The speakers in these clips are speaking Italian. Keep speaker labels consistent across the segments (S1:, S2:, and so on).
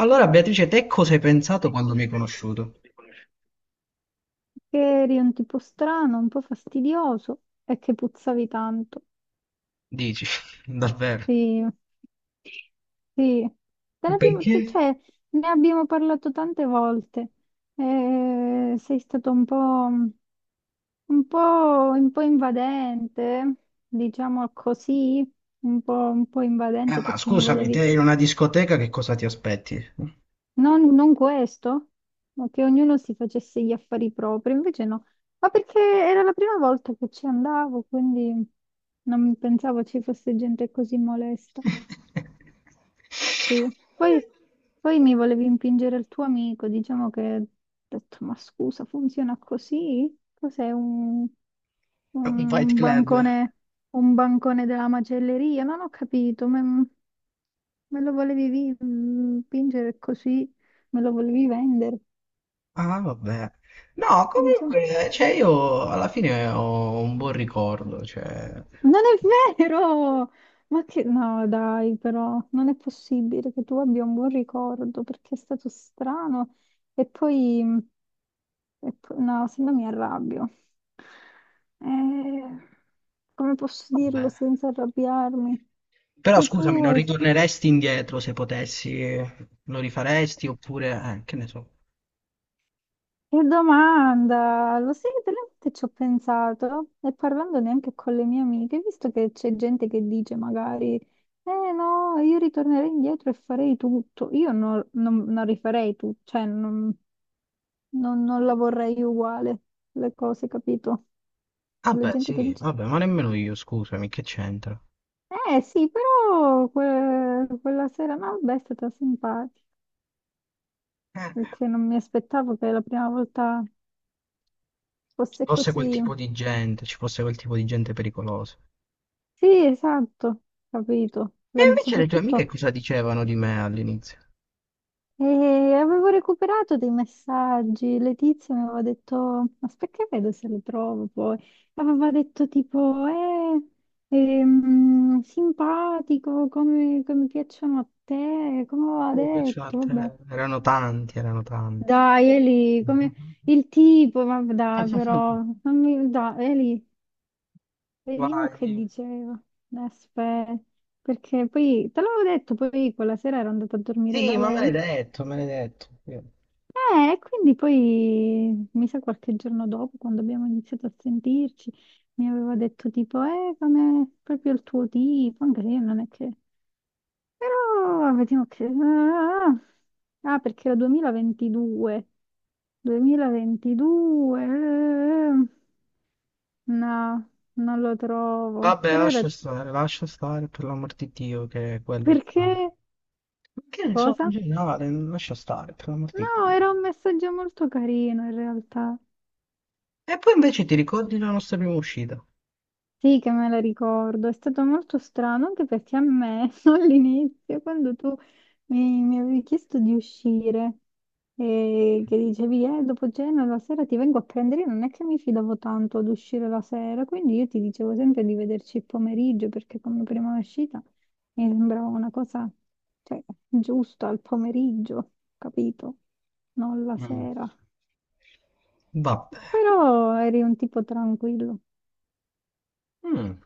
S1: Allora, Beatrice, te cosa hai pensato quando mi hai conosciuto?
S2: Che eri un tipo strano, un po' fastidioso e che puzzavi tanto.
S1: Dici, davvero?
S2: Sì, sì. Te ne abbiamo, te-
S1: Perché?
S2: cioè, ne abbiamo parlato tante volte. Sei stato un po', un po' invadente, diciamo così, un po' invadente
S1: Ma
S2: perché mi
S1: scusami,
S2: volevi...
S1: te in una discoteca che cosa ti aspetti? Un
S2: Non questo, ma che ognuno si facesse gli affari propri, invece no, ma perché era la prima volta che ci andavo, quindi non pensavo ci fosse gente così molesta. Sì. Poi mi volevi impingere il tuo amico, diciamo che ho detto, ma scusa, funziona così? Cos'è
S1: fight
S2: un
S1: club.
S2: bancone, un bancone della macelleria? Non ho capito, me lo volevi impingere così, me lo volevi vendere,
S1: Ah, vabbè. No,
S2: diciamo.
S1: comunque, cioè io alla fine ho un buon ricordo, cioè...
S2: Non è vero! Ma che... No, dai, però non è possibile che tu abbia un buon ricordo perché è stato strano. E poi... No, se no mi arrabbio. Eh, Come posso dirlo
S1: Vabbè.
S2: senza arrabbiarmi?
S1: Però
S2: Che
S1: scusami,
S2: tu
S1: non
S2: hai...
S1: ritorneresti indietro se potessi? Lo rifaresti oppure... che ne so.
S2: Che domanda! Lo sai che delle volte ci ho pensato e parlando neanche con le mie amiche, visto che c'è gente che dice magari, eh no, io ritornerei indietro e farei tutto. Io non rifarei tutto, cioè non la vorrei uguale, le cose, capito?
S1: Ah
S2: La
S1: beh,
S2: gente che
S1: sì,
S2: dice,
S1: vabbè, ma nemmeno io, scusami, che c'entra?
S2: eh sì, però quella sera no, beh, è stata simpatica, perché non mi aspettavo che la prima volta
S1: Ci
S2: fosse
S1: fosse quel
S2: così.
S1: tipo di gente, ci fosse quel tipo di gente pericolosa.
S2: Sì, esatto, capito.
S1: E invece le tue amiche
S2: Soprattutto
S1: cosa dicevano di me all'inizio?
S2: eh, avevo recuperato dei messaggi, Letizia mi aveva detto, aspetta che vedo se le trovo poi, aveva detto tipo, simpatico, come piacciono a te, come aveva
S1: Mi piaceva a
S2: detto, vabbè.
S1: te. Erano tanti, erano tanti.
S2: Dai Eli, come il tipo, ma dai però, non mi, dai Eli, vediamo che
S1: Vai.
S2: diceva. Aspetta, perché poi te l'avevo detto, poi quella sera ero andata a dormire da
S1: Sì, ma me
S2: lei.
S1: l'hai detto, me l'hai detto. Sì.
S2: E quindi poi, mi sa qualche giorno dopo, quando abbiamo iniziato a sentirci, mi aveva detto tipo, come proprio il tuo tipo, anche se io non è che... Però vediamo che... Ah, ah, ah, perché era 2022. 2022. No, non lo trovo.
S1: Vabbè,
S2: Però era...
S1: lascia stare, per l'amor di Dio, che quello ci manca.
S2: Perché?
S1: Ma che ne so, in
S2: Cosa?
S1: generale, lascia stare, per l'amor di
S2: No,
S1: Dio.
S2: era un messaggio molto carino in realtà.
S1: E poi invece ti ricordi la nostra prima uscita?
S2: Sì, che me la ricordo. È stato molto strano anche perché a me all'inizio, quando tu mi avevi chiesto di uscire e che dicevi, dopo cena la sera ti vengo a prendere, io non è che mi fidavo tanto ad uscire la sera, quindi io ti dicevo sempre di vederci il pomeriggio perché come prima uscita mi sembrava una cosa, cioè, giusta al pomeriggio, capito? Non la
S1: Mm.
S2: sera.
S1: Vabbè.
S2: Però eri un tipo tranquillo.
S1: Mm.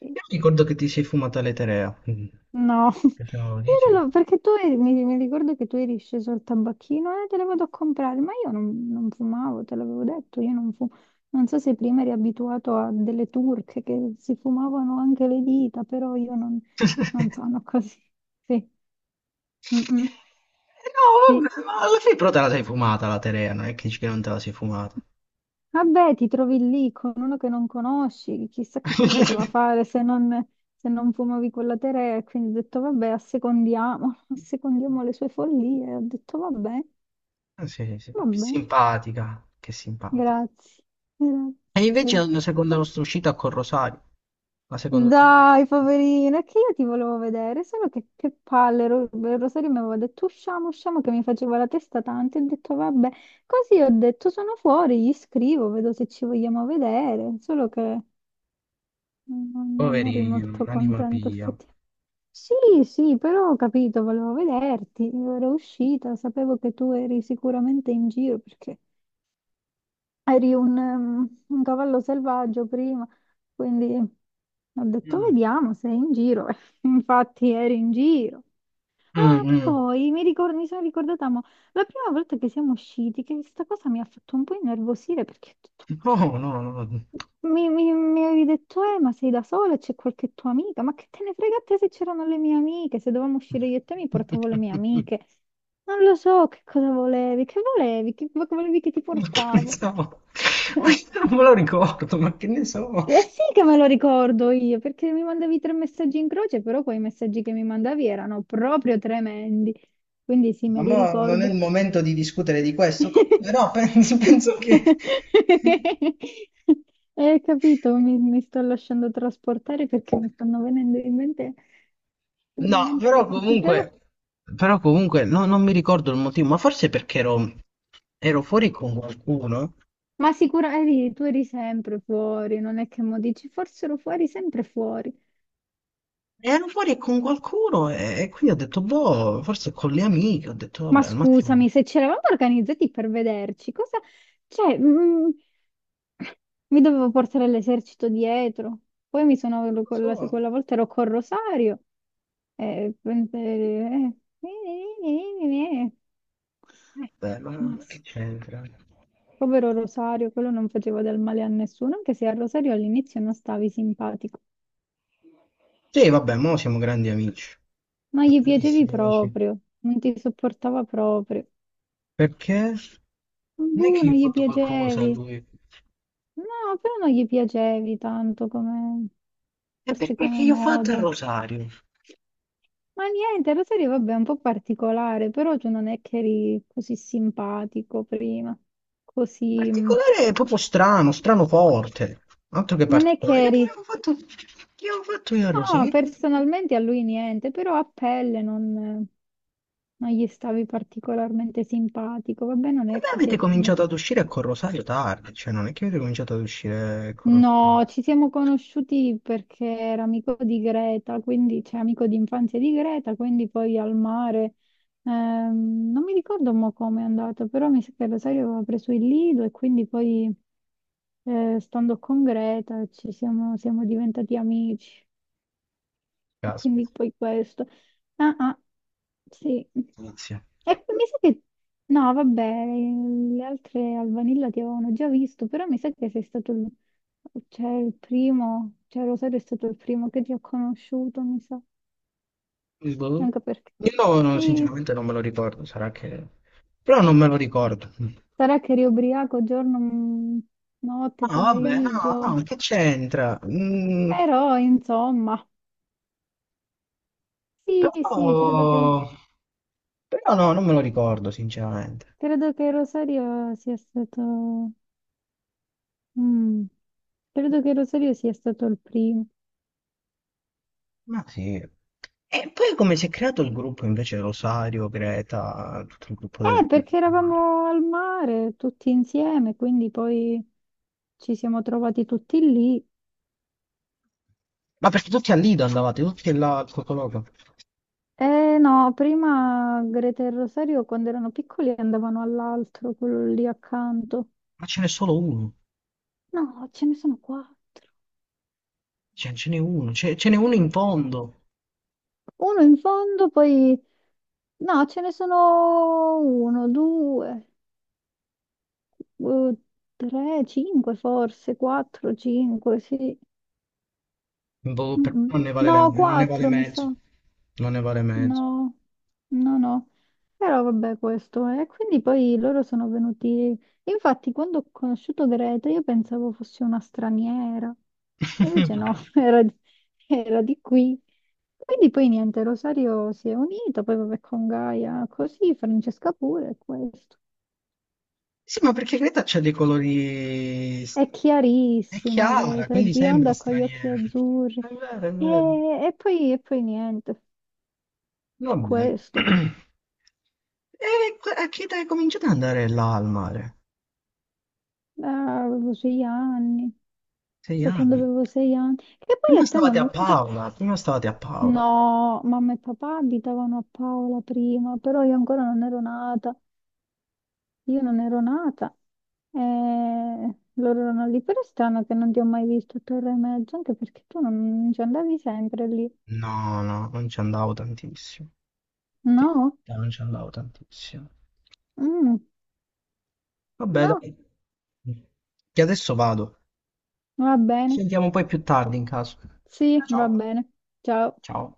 S2: Sì.
S1: Io ricordo che ti sei fumata l'eterea. Mm.
S2: No, io
S1: Che sono
S2: te
S1: 10.
S2: lo... mi ricordo che tu eri sceso al tabacchino e te le vado a comprare, ma io non fumavo, te l'avevo detto, io non fumo. Non so se prima eri abituato a delle turche che si fumavano anche le dita, però io non sono così. Sì. Mm, mm.
S1: No,
S2: Sì.
S1: vabbè, ma alla fine però te la sei fumata la Terea, non è che dici che non te la sei fumata.
S2: Vabbè, ti trovi lì con uno che non conosci, chissà che ti poteva fare se non fumavi quella terra. E quindi ho detto, vabbè, assecondiamo, assecondiamo le sue follie. Ho detto, vabbè,
S1: Ah, sì, sì,
S2: vabbè,
S1: simpatica, che simpatica.
S2: grazie, grazie,
S1: E invece
S2: grazie.
S1: la seconda nostra uscita con Rosario. La seconda uscita.
S2: Dai, poverina, è che io ti volevo vedere, solo che palle, Rosario mi aveva detto usciamo, usciamo, che mi faceva la testa tanto, e ho detto vabbè, così ho detto sono fuori, gli scrivo, vedo se ci vogliamo vedere, solo che... Non eri
S1: Poverino,
S2: molto
S1: anima
S2: contento
S1: pia.
S2: effettivamente. Sì, sì, però ho capito, volevo vederti, io ero uscita, sapevo che tu eri sicuramente in giro perché eri un cavallo selvaggio prima, quindi ho detto
S1: Mm.
S2: vediamo se è in giro. Infatti eri in giro.
S1: Mm,
S2: Ah, che
S1: mm.
S2: poi mi sono ricordata, mo, la prima volta che siamo usciti, che questa cosa mi ha fatto un po' innervosire perché ho detto, "Ma
S1: No, no, no, no.
S2: mi avevi detto, ma sei da sola? C'è qualche tua amica? Ma che te ne frega a te se c'erano le mie amiche? Se dovevamo uscire io e te mi portavo le mie amiche. Non lo so che cosa volevi, che volevi che ti
S1: Ma che ne
S2: portavo.
S1: so? Ma non me lo ricordo, ma che ne so?
S2: Eh sì che me lo ricordo io, perché mi mandavi tre messaggi in croce, però quei messaggi che mi mandavi erano proprio tremendi. Quindi sì, me
S1: Ma
S2: li
S1: mo non è il
S2: ricordo.
S1: momento di discutere di questo, co- però penso, che...
S2: Capito, mi sto lasciando trasportare perché mi stanno venendo in mente,
S1: No,
S2: le cose, però,
S1: però comunque no- non mi ricordo il motivo, ma forse perché ero, ero fuori con qualcuno.
S2: ma sicuramente tu eri sempre fuori, non è che mo dici, forse ero fuori, sempre fuori.
S1: Ero fuori con qualcuno e quindi ho detto, boh, forse con le amiche, ho detto,
S2: Ma
S1: vabbè, al matrimonio.
S2: scusami, se ci eravamo organizzati per vederci, cosa... Cioè, mi dovevo portare l'esercito dietro. Poi mi
S1: Non
S2: sono...
S1: lo
S2: Quella,
S1: so,
S2: quella volta ero col Rosario. Eh, eh, eh, eh,
S1: vabbè, ma che
S2: maschi.
S1: c'entra?
S2: Povero Rosario, quello non faceva del male a nessuno, anche se a Rosario all'inizio non stavi simpatico.
S1: Sì, vabbè, mo siamo grandi amici,
S2: Non gli piacevi
S1: grandissimi amici.
S2: proprio, non ti sopportava proprio.
S1: Perché? Non è
S2: Boh,
S1: che
S2: non
S1: io ho
S2: gli
S1: fatto qualcosa a
S2: piacevi.
S1: lui.
S2: No, però non gli piacevi tanto come,
S1: È
S2: forse
S1: perché
S2: come
S1: che io ho fatto a
S2: modo.
S1: Rosario.
S2: Ma niente, Rosario, vabbè, è un po' particolare, però tu non è che eri così simpatico prima, così... mm.
S1: Particolare è proprio strano, strano forte. Altro che
S2: Non è che
S1: particolare. Io
S2: eri...
S1: che avevo fatto io a
S2: No,
S1: Rosario? E
S2: personalmente a lui niente, però a pelle non gli stavi particolarmente simpatico. Vabbè, non è
S1: beh,
S2: che si è...
S1: avete cominciato ad uscire con Rosario tardi, cioè non è che avete cominciato ad uscire con Rosario.
S2: No, ci siamo conosciuti perché era amico di Greta, quindi c'è amico di infanzia di Greta, quindi poi al mare. Non mi ricordo mo come è andato, però mi sa che Rosario aveva preso il Lido e quindi poi stando con Greta ci siamo diventati amici. E quindi
S1: Caspita,
S2: poi questo. Ah, ah, sì.
S1: inizia.
S2: E poi mi sa che... No, vabbè, le altre al vanilla ti avevano già visto, però mi sa che sei stato il... Cioè, il primo, cioè Rosario è stato il primo che ti ho conosciuto, mi sa.
S1: Boh.
S2: Anche perché...
S1: Io no, no,
S2: Sì,
S1: sinceramente non me lo ricordo, sarà che... Però non me lo ricordo. No,
S2: sarà che eri ubriaco giorno, mm, notte,
S1: vabbè, no,
S2: pomeriggio.
S1: no, che c'entra? Mm,
S2: Però, insomma, sì, sì,
S1: però... Però no, non me lo ricordo, sinceramente.
S2: credo che Rosario sia stato... Mm, credo che Rosario sia stato il primo.
S1: Ma sì. E poi come si è creato il gruppo invece Rosario, Greta, tutto il gruppo del, del
S2: Perché
S1: mare?
S2: eravamo al mare tutti insieme, quindi poi ci siamo trovati tutti lì.
S1: Ma perché tutti a Lido andavate, tutti là al Cocoloco.
S2: Eh no, prima Greta e Rosario quando erano piccoli andavano all'altro, quello lì accanto.
S1: Ma ce n'è solo uno,
S2: No, ce ne sono qua.
S1: cioè, ce n'è uno, ce n'è uno in fondo.
S2: Uno in fondo, poi... No, ce ne sono uno, due, eh, tre, cinque forse, quattro, cinque, sì.
S1: Boh,
S2: Mm,
S1: per
S2: mm.
S1: non ne vale,
S2: No,
S1: la- non ne vale
S2: quattro mi sa.
S1: mezzo, non ne vale mezzo.
S2: No, no, no. Però vabbè, questo è. Quindi poi loro sono venuti. Infatti, quando ho conosciuto Greta, io pensavo fosse una straniera. Invece no, era di qui. Quindi poi niente, Rosario si è unito, poi vabbè con Gaia, così, Francesca pure, è questo.
S1: Sì, ma perché Greta c'ha dei colori...
S2: È
S1: È
S2: chiarissima
S1: chiara,
S2: Greta, è
S1: quindi sembra
S2: bionda con gli occhi
S1: straniera.
S2: azzurri.
S1: È vero, è
S2: E,
S1: vero.
S2: e poi, niente, è
S1: Vabbè.
S2: questo.
S1: E que- a che età cominciate ad andare là al mare?
S2: Avevo 6 anni,
S1: Sei
S2: da quando
S1: anni.
S2: avevo 6 anni. Che poi a
S1: Prima
S2: te
S1: stavate a
S2: non...
S1: Paola, prima stavate a Paola.
S2: No, mamma e papà abitavano a Paola prima, però io ancora non ero nata. Io non ero nata. E loro erano lì, però è strano che non ti ho mai visto a Torre e Mezzo, anche perché tu non ci andavi sempre lì.
S1: No, no, non ci andavo tantissimo. Sì,
S2: No?
S1: no, non ci andavo tantissimo.
S2: Mm,
S1: Vabbè,
S2: no,
S1: dai, che adesso vado.
S2: va
S1: Ci
S2: bene.
S1: sentiamo poi più tardi in caso.
S2: Sì, va
S1: Ciao.
S2: bene. Ciao.
S1: Ciao.